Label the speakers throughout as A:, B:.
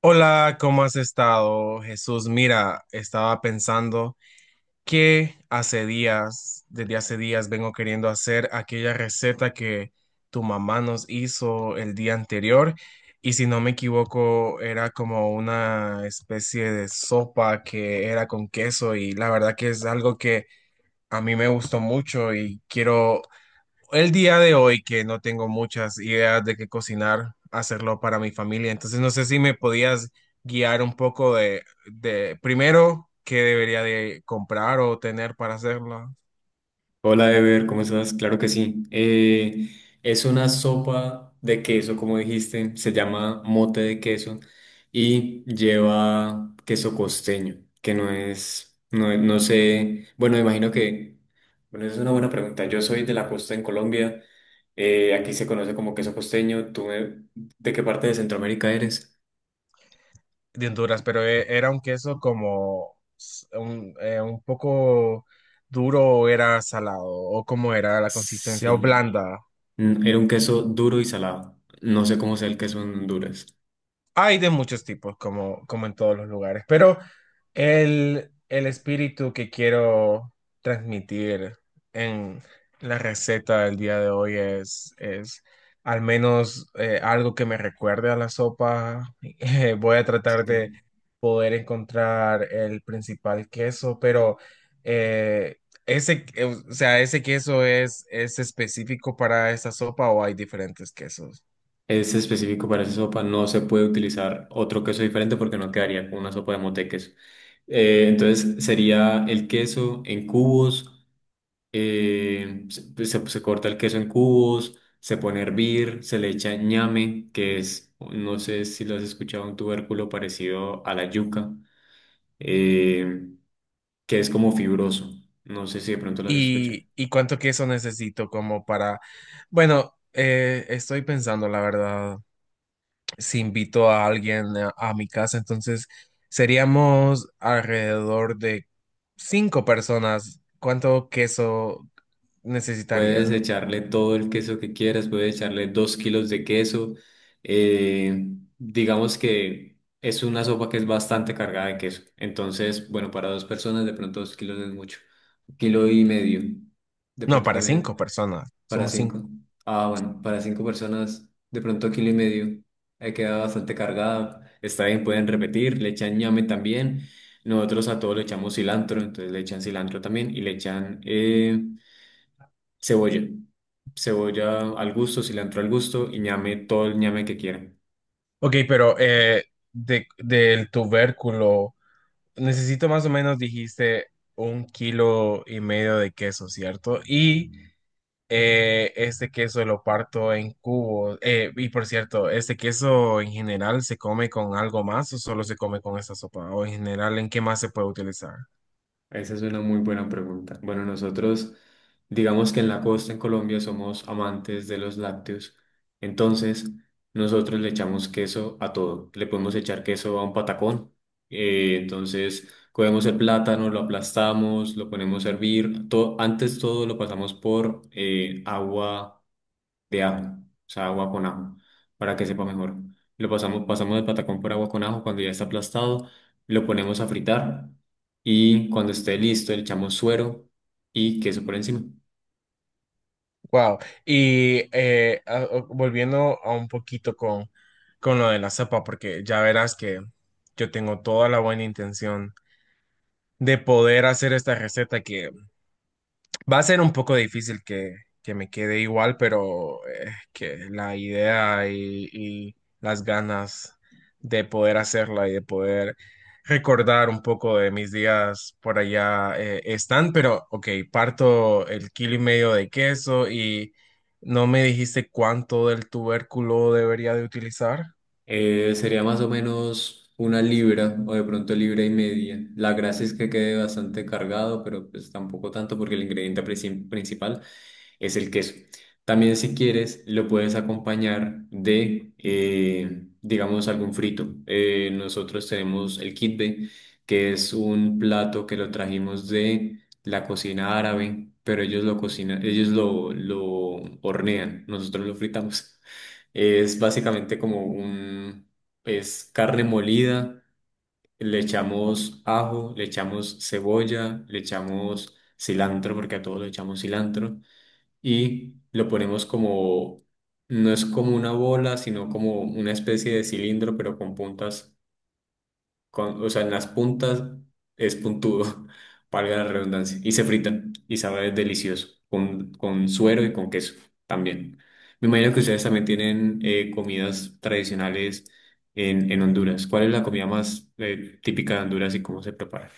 A: Hola, ¿cómo has estado, Jesús? Mira, estaba pensando que desde hace días, vengo queriendo hacer aquella receta que tu mamá nos hizo el día anterior y si no me equivoco era como una especie de sopa que era con queso y la verdad que es algo que a mí me gustó mucho y quiero el día de hoy que no tengo muchas ideas de qué cocinar, hacerlo para mi familia. Entonces no sé si me podías guiar un poco de primero qué debería de comprar o tener para hacerlo.
B: Hola, Ever, ¿cómo estás? Claro que sí. Es una sopa de queso, como dijiste, se llama mote de queso y lleva queso costeño, que no es, no, no sé, bueno, imagino que, bueno, esa es una buena pregunta. Yo soy de la costa en Colombia, aquí se conoce como queso costeño. ¿Tú de qué parte de Centroamérica eres?
A: De Honduras, pero era un queso como un poco duro o era salado o cómo era la consistencia o
B: Sí.
A: blanda.
B: Era un queso duro y salado. No sé cómo sea el queso en Honduras.
A: Hay de muchos tipos, como en todos los lugares, pero el espíritu que quiero transmitir en la receta del día de hoy es al menos algo que me recuerde a la sopa. Voy a tratar de
B: Sí.
A: poder encontrar el principal queso, pero eh, o sea, ese queso es específico para esa sopa o hay diferentes quesos.
B: Es específico para esa sopa, no se puede utilizar otro queso diferente porque no quedaría con una sopa de mote queso. Entonces sería el queso en cubos, se corta el queso en cubos, se pone a hervir, se le echa ñame, que es, no sé si lo has escuchado, un tubérculo parecido a la yuca, eh, que es como fibroso. No sé si de pronto lo has escuchado.
A: ¿Y cuánto queso necesito como para... Bueno, estoy pensando, la verdad, si invito a alguien a mi casa, entonces seríamos alrededor de cinco personas. ¿Cuánto queso
B: Puedes
A: necesitaría?
B: echarle todo el queso que quieras, puedes echarle 2 kilos de queso. eh, digamos que es una sopa que es bastante cargada de queso. Entonces, bueno, para dos personas de pronto 2 kilos no es mucho. Un kilo y medio. De
A: No,
B: pronto
A: para cinco
B: también
A: personas,
B: para
A: somos
B: cinco.
A: cinco.
B: Ah, bueno, para cinco personas de pronto kilo y medio. Queda bastante cargada. Está bien, pueden repetir. Le echan ñame también. Nosotros a todo le echamos cilantro, entonces le echan cilantro también y le echan... Cebolla. Cebolla al gusto, cilantro al gusto y ñame, todo el ñame que quieran.
A: Ok, pero del tubérculo, necesito más o menos, dijiste, un kilo y medio de queso, ¿cierto? Y... este queso lo parto en cubos. Y por cierto, ¿este queso en general se come con algo más o solo se come con esta sopa? O en general, ¿en qué más se puede utilizar?
B: Esa es una muy buena pregunta. Bueno, nosotros, digamos que en la costa, en Colombia, somos amantes de los lácteos. Entonces, nosotros le echamos queso a todo. Le podemos echar queso a un patacón. Entonces, cogemos el plátano, lo aplastamos, lo ponemos a hervir. Todo, antes todo lo pasamos por agua de ajo, o sea, agua con ajo, para que sepa mejor. Lo pasamos, pasamos el patacón por agua con ajo cuando ya está aplastado, lo ponemos a fritar y cuando esté listo le echamos suero y queso por encima.
A: Wow. Y volviendo a un poquito con lo de la sopa, porque ya verás que yo tengo toda la buena intención de poder hacer esta receta que va a ser un poco difícil que me quede igual, pero es que la idea y las ganas de poder hacerla y de poder recordar un poco de mis días por allá están, pero ok, parto el kilo y medio de queso y no me dijiste cuánto del tubérculo debería de utilizar.
B: Sería más o menos 1 libra o de pronto libra y media. La gracia es que quede bastante cargado, pero pues tampoco tanto porque el ingrediente principal es el queso. También si quieres lo puedes acompañar de, digamos, algún frito. Nosotros tenemos el kitbe, que es un plato que lo trajimos de la cocina árabe, pero ellos lo cocinan, ellos lo hornean, nosotros lo fritamos. Es básicamente como un, es carne molida, le echamos ajo, le echamos cebolla, le echamos cilantro, porque a todos le echamos cilantro, y lo ponemos como, no es como una bola, sino como una especie de cilindro, pero con puntas con, o sea, en las puntas es puntudo, valga la redundancia, y se fritan y sabe delicioso, con, suero y con queso también. Me imagino que ustedes también tienen comidas tradicionales en Honduras. ¿Cuál es la comida más típica de Honduras y cómo se prepara?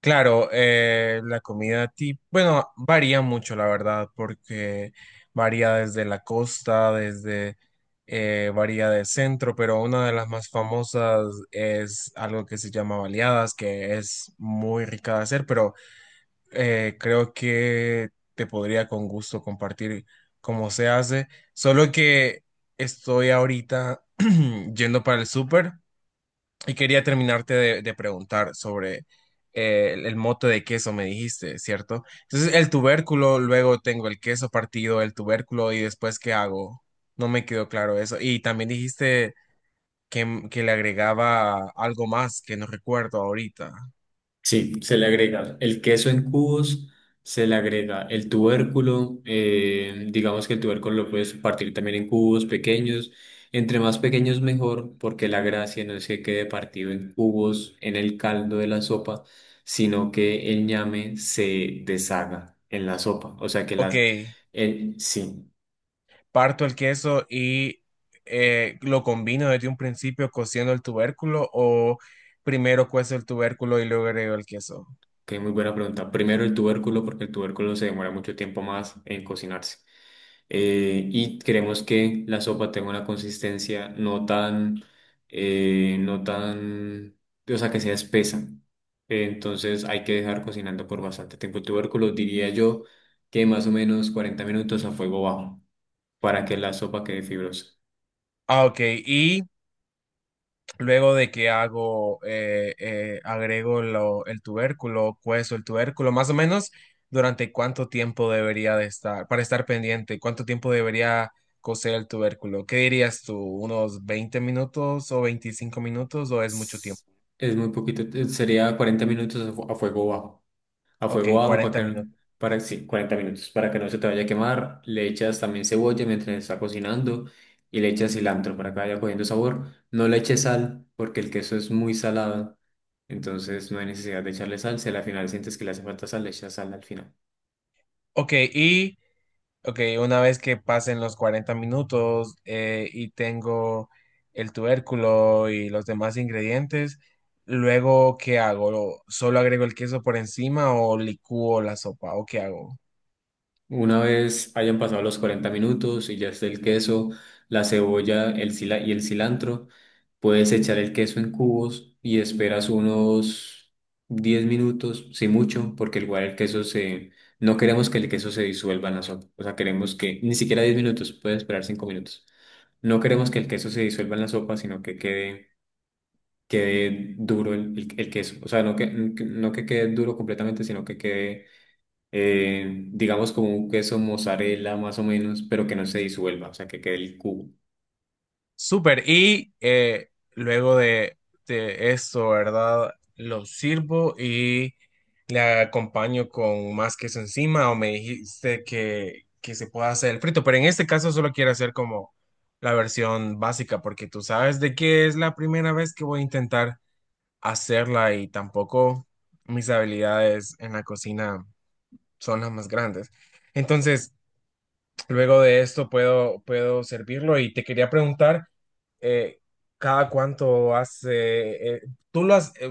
A: Claro, la comida típica, bueno, varía mucho, la verdad, porque varía desde la costa, varía del centro, pero una de las más famosas es algo que se llama baleadas, que es muy rica de hacer, pero creo que te podría con gusto compartir cómo se hace, solo que estoy ahorita yendo para el súper. Y quería terminarte de preguntar sobre el mote de queso, me dijiste, ¿cierto? Entonces, el tubérculo, luego tengo el queso partido, el tubérculo, y después, ¿qué hago? No me quedó claro eso. Y también dijiste que, que le agregaba algo más que no recuerdo ahorita.
B: Sí, se le agrega el queso en cubos, se le agrega el tubérculo, digamos que el tubérculo lo puedes partir también en cubos pequeños, entre más pequeños mejor, porque la gracia no es que quede partido en cubos en el caldo de la sopa, sino que el ñame se deshaga en la sopa, o sea que
A: Ok,
B: el, sí,
A: parto el queso y lo combino desde un principio cociendo el tubérculo o primero cuezo el tubérculo y luego agrego el queso.
B: que muy buena pregunta. Primero el tubérculo, porque el tubérculo se demora mucho tiempo más en cocinarse. Y queremos que la sopa tenga una consistencia no tan, no tan, o sea, que sea espesa. Entonces hay que dejar cocinando por bastante tiempo el tubérculo, diría yo que más o menos 40 minutos a fuego bajo para que la sopa quede fibrosa.
A: Ah, ok, y luego de que hago, agrego el tubérculo, cuezo el tubérculo, más o menos durante cuánto tiempo debería de estar, para estar pendiente, cuánto tiempo debería cocer el tubérculo. ¿Qué dirías tú? ¿Unos 20 minutos o 25 minutos o es mucho tiempo?
B: Es muy poquito, sería 40 minutos a a fuego bajo. a
A: Ok,
B: fuego bajo para
A: 40
B: que,
A: minutos.
B: para, sí, 40 minutos para que no se te vaya a quemar. Le echas también cebolla mientras está cocinando y le echas cilantro para que vaya cogiendo sabor. No le eches sal porque el queso es muy salado, entonces no hay necesidad de echarle sal. Si al final sientes que le hace falta sal, le echas sal al final.
A: Ok, ok, una vez que pasen los 40 minutos y tengo el tubérculo y los demás ingredientes, luego, ¿qué hago? ¿Solo agrego el queso por encima o licúo la sopa? ¿O qué hago?
B: Una vez hayan pasado los 40 minutos y ya esté el queso, la cebolla, el cilantro, puedes echar el queso en cubos y esperas unos 10 minutos, si mucho, porque igual el queso se... No queremos que el queso se disuelva en la sopa, o sea, queremos que... Ni siquiera 10 minutos, puedes esperar 5 minutos. No queremos que el queso se disuelva en la sopa, sino que quede, quede duro el queso. O sea, no que quede duro completamente, sino que quede digamos como un queso mozzarella más o menos, pero que no se disuelva, o sea, que quede el cubo.
A: Súper. Y luego de esto, ¿verdad? Lo sirvo y le acompaño con más queso encima o me dijiste que se pueda hacer el frito, pero en este caso solo quiero hacer como la versión básica porque tú sabes de que es la primera vez que voy a intentar hacerla y tampoco mis habilidades en la cocina son las más grandes. Entonces... Luego de esto puedo, servirlo y te quería preguntar, eh, ¿cada cuánto hace? Tú lo has, eh,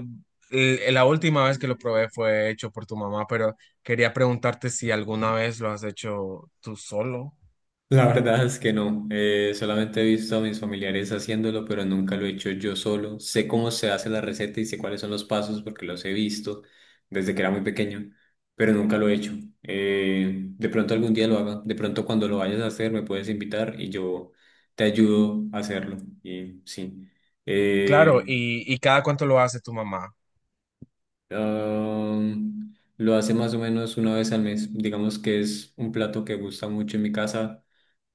A: la última vez que lo probé fue hecho por tu mamá, pero quería preguntarte si alguna vez lo has hecho tú solo.
B: La verdad es que no, solamente he visto a mis familiares haciéndolo, pero nunca lo he hecho yo solo. Sé cómo se hace la receta y sé cuáles son los pasos porque los he visto desde que era muy pequeño, pero nunca lo he hecho. De pronto algún día lo haga, de pronto cuando lo vayas a hacer me puedes invitar y yo te ayudo a hacerlo. Y sí.
A: Claro,
B: Eh,
A: y ¿cada cuánto lo hace tu mamá?
B: Lo hace más o menos una vez al mes. Digamos que es un plato que gusta mucho en mi casa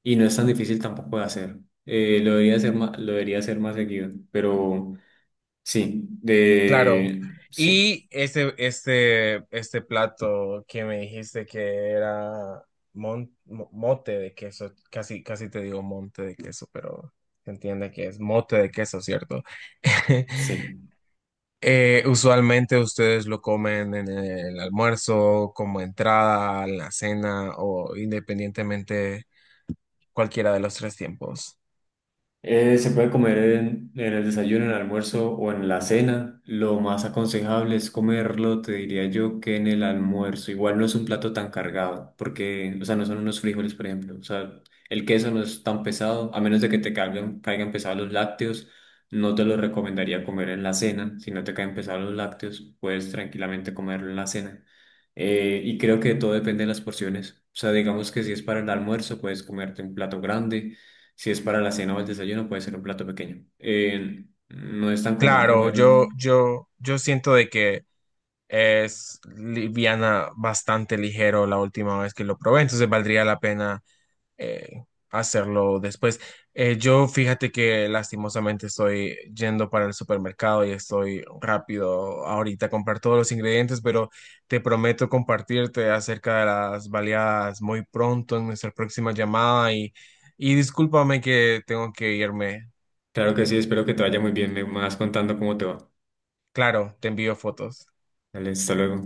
B: y no es tan difícil tampoco de hacer. Lo debería hacer más, lo debería hacer más seguido, pero sí,
A: Claro. Y este plato que me dijiste que era mote de queso, casi, casi te digo monte de queso, pero se entiende que es mote de queso, ¿cierto?
B: sí.
A: Usualmente ustedes lo comen en el almuerzo, como entrada, en la cena o independientemente cualquiera de los tres tiempos.
B: Se puede comer en el desayuno, en el almuerzo o en la cena. Lo más aconsejable es comerlo, te diría yo, que en el almuerzo. Igual no es un plato tan cargado, porque, o sea, no son unos frijoles, por ejemplo. O sea, el queso no es tan pesado, a menos de que te caigan pesados los lácteos. No te lo recomendaría comer en la cena. Si no te caen pesados los lácteos, puedes tranquilamente comerlo en la cena. Y creo que todo depende de las porciones. O sea, digamos que si es para el almuerzo, puedes comerte un plato grande. Si es para la cena o el desayuno, puede ser un plato pequeño. No es tan común
A: Claro,
B: comerlo.
A: yo siento de que es liviana, bastante ligero la última vez que lo probé, entonces valdría la pena eh, hacerlo después. Yo fíjate que lastimosamente estoy yendo para el supermercado y estoy rápido ahorita a comprar todos los ingredientes, pero te prometo compartirte acerca de las baleadas muy pronto en nuestra próxima llamada y discúlpame que tengo que irme.
B: Claro que sí, espero que te vaya muy bien. Me vas contando cómo te va.
A: Claro, te envío fotos.
B: Dale, hasta luego.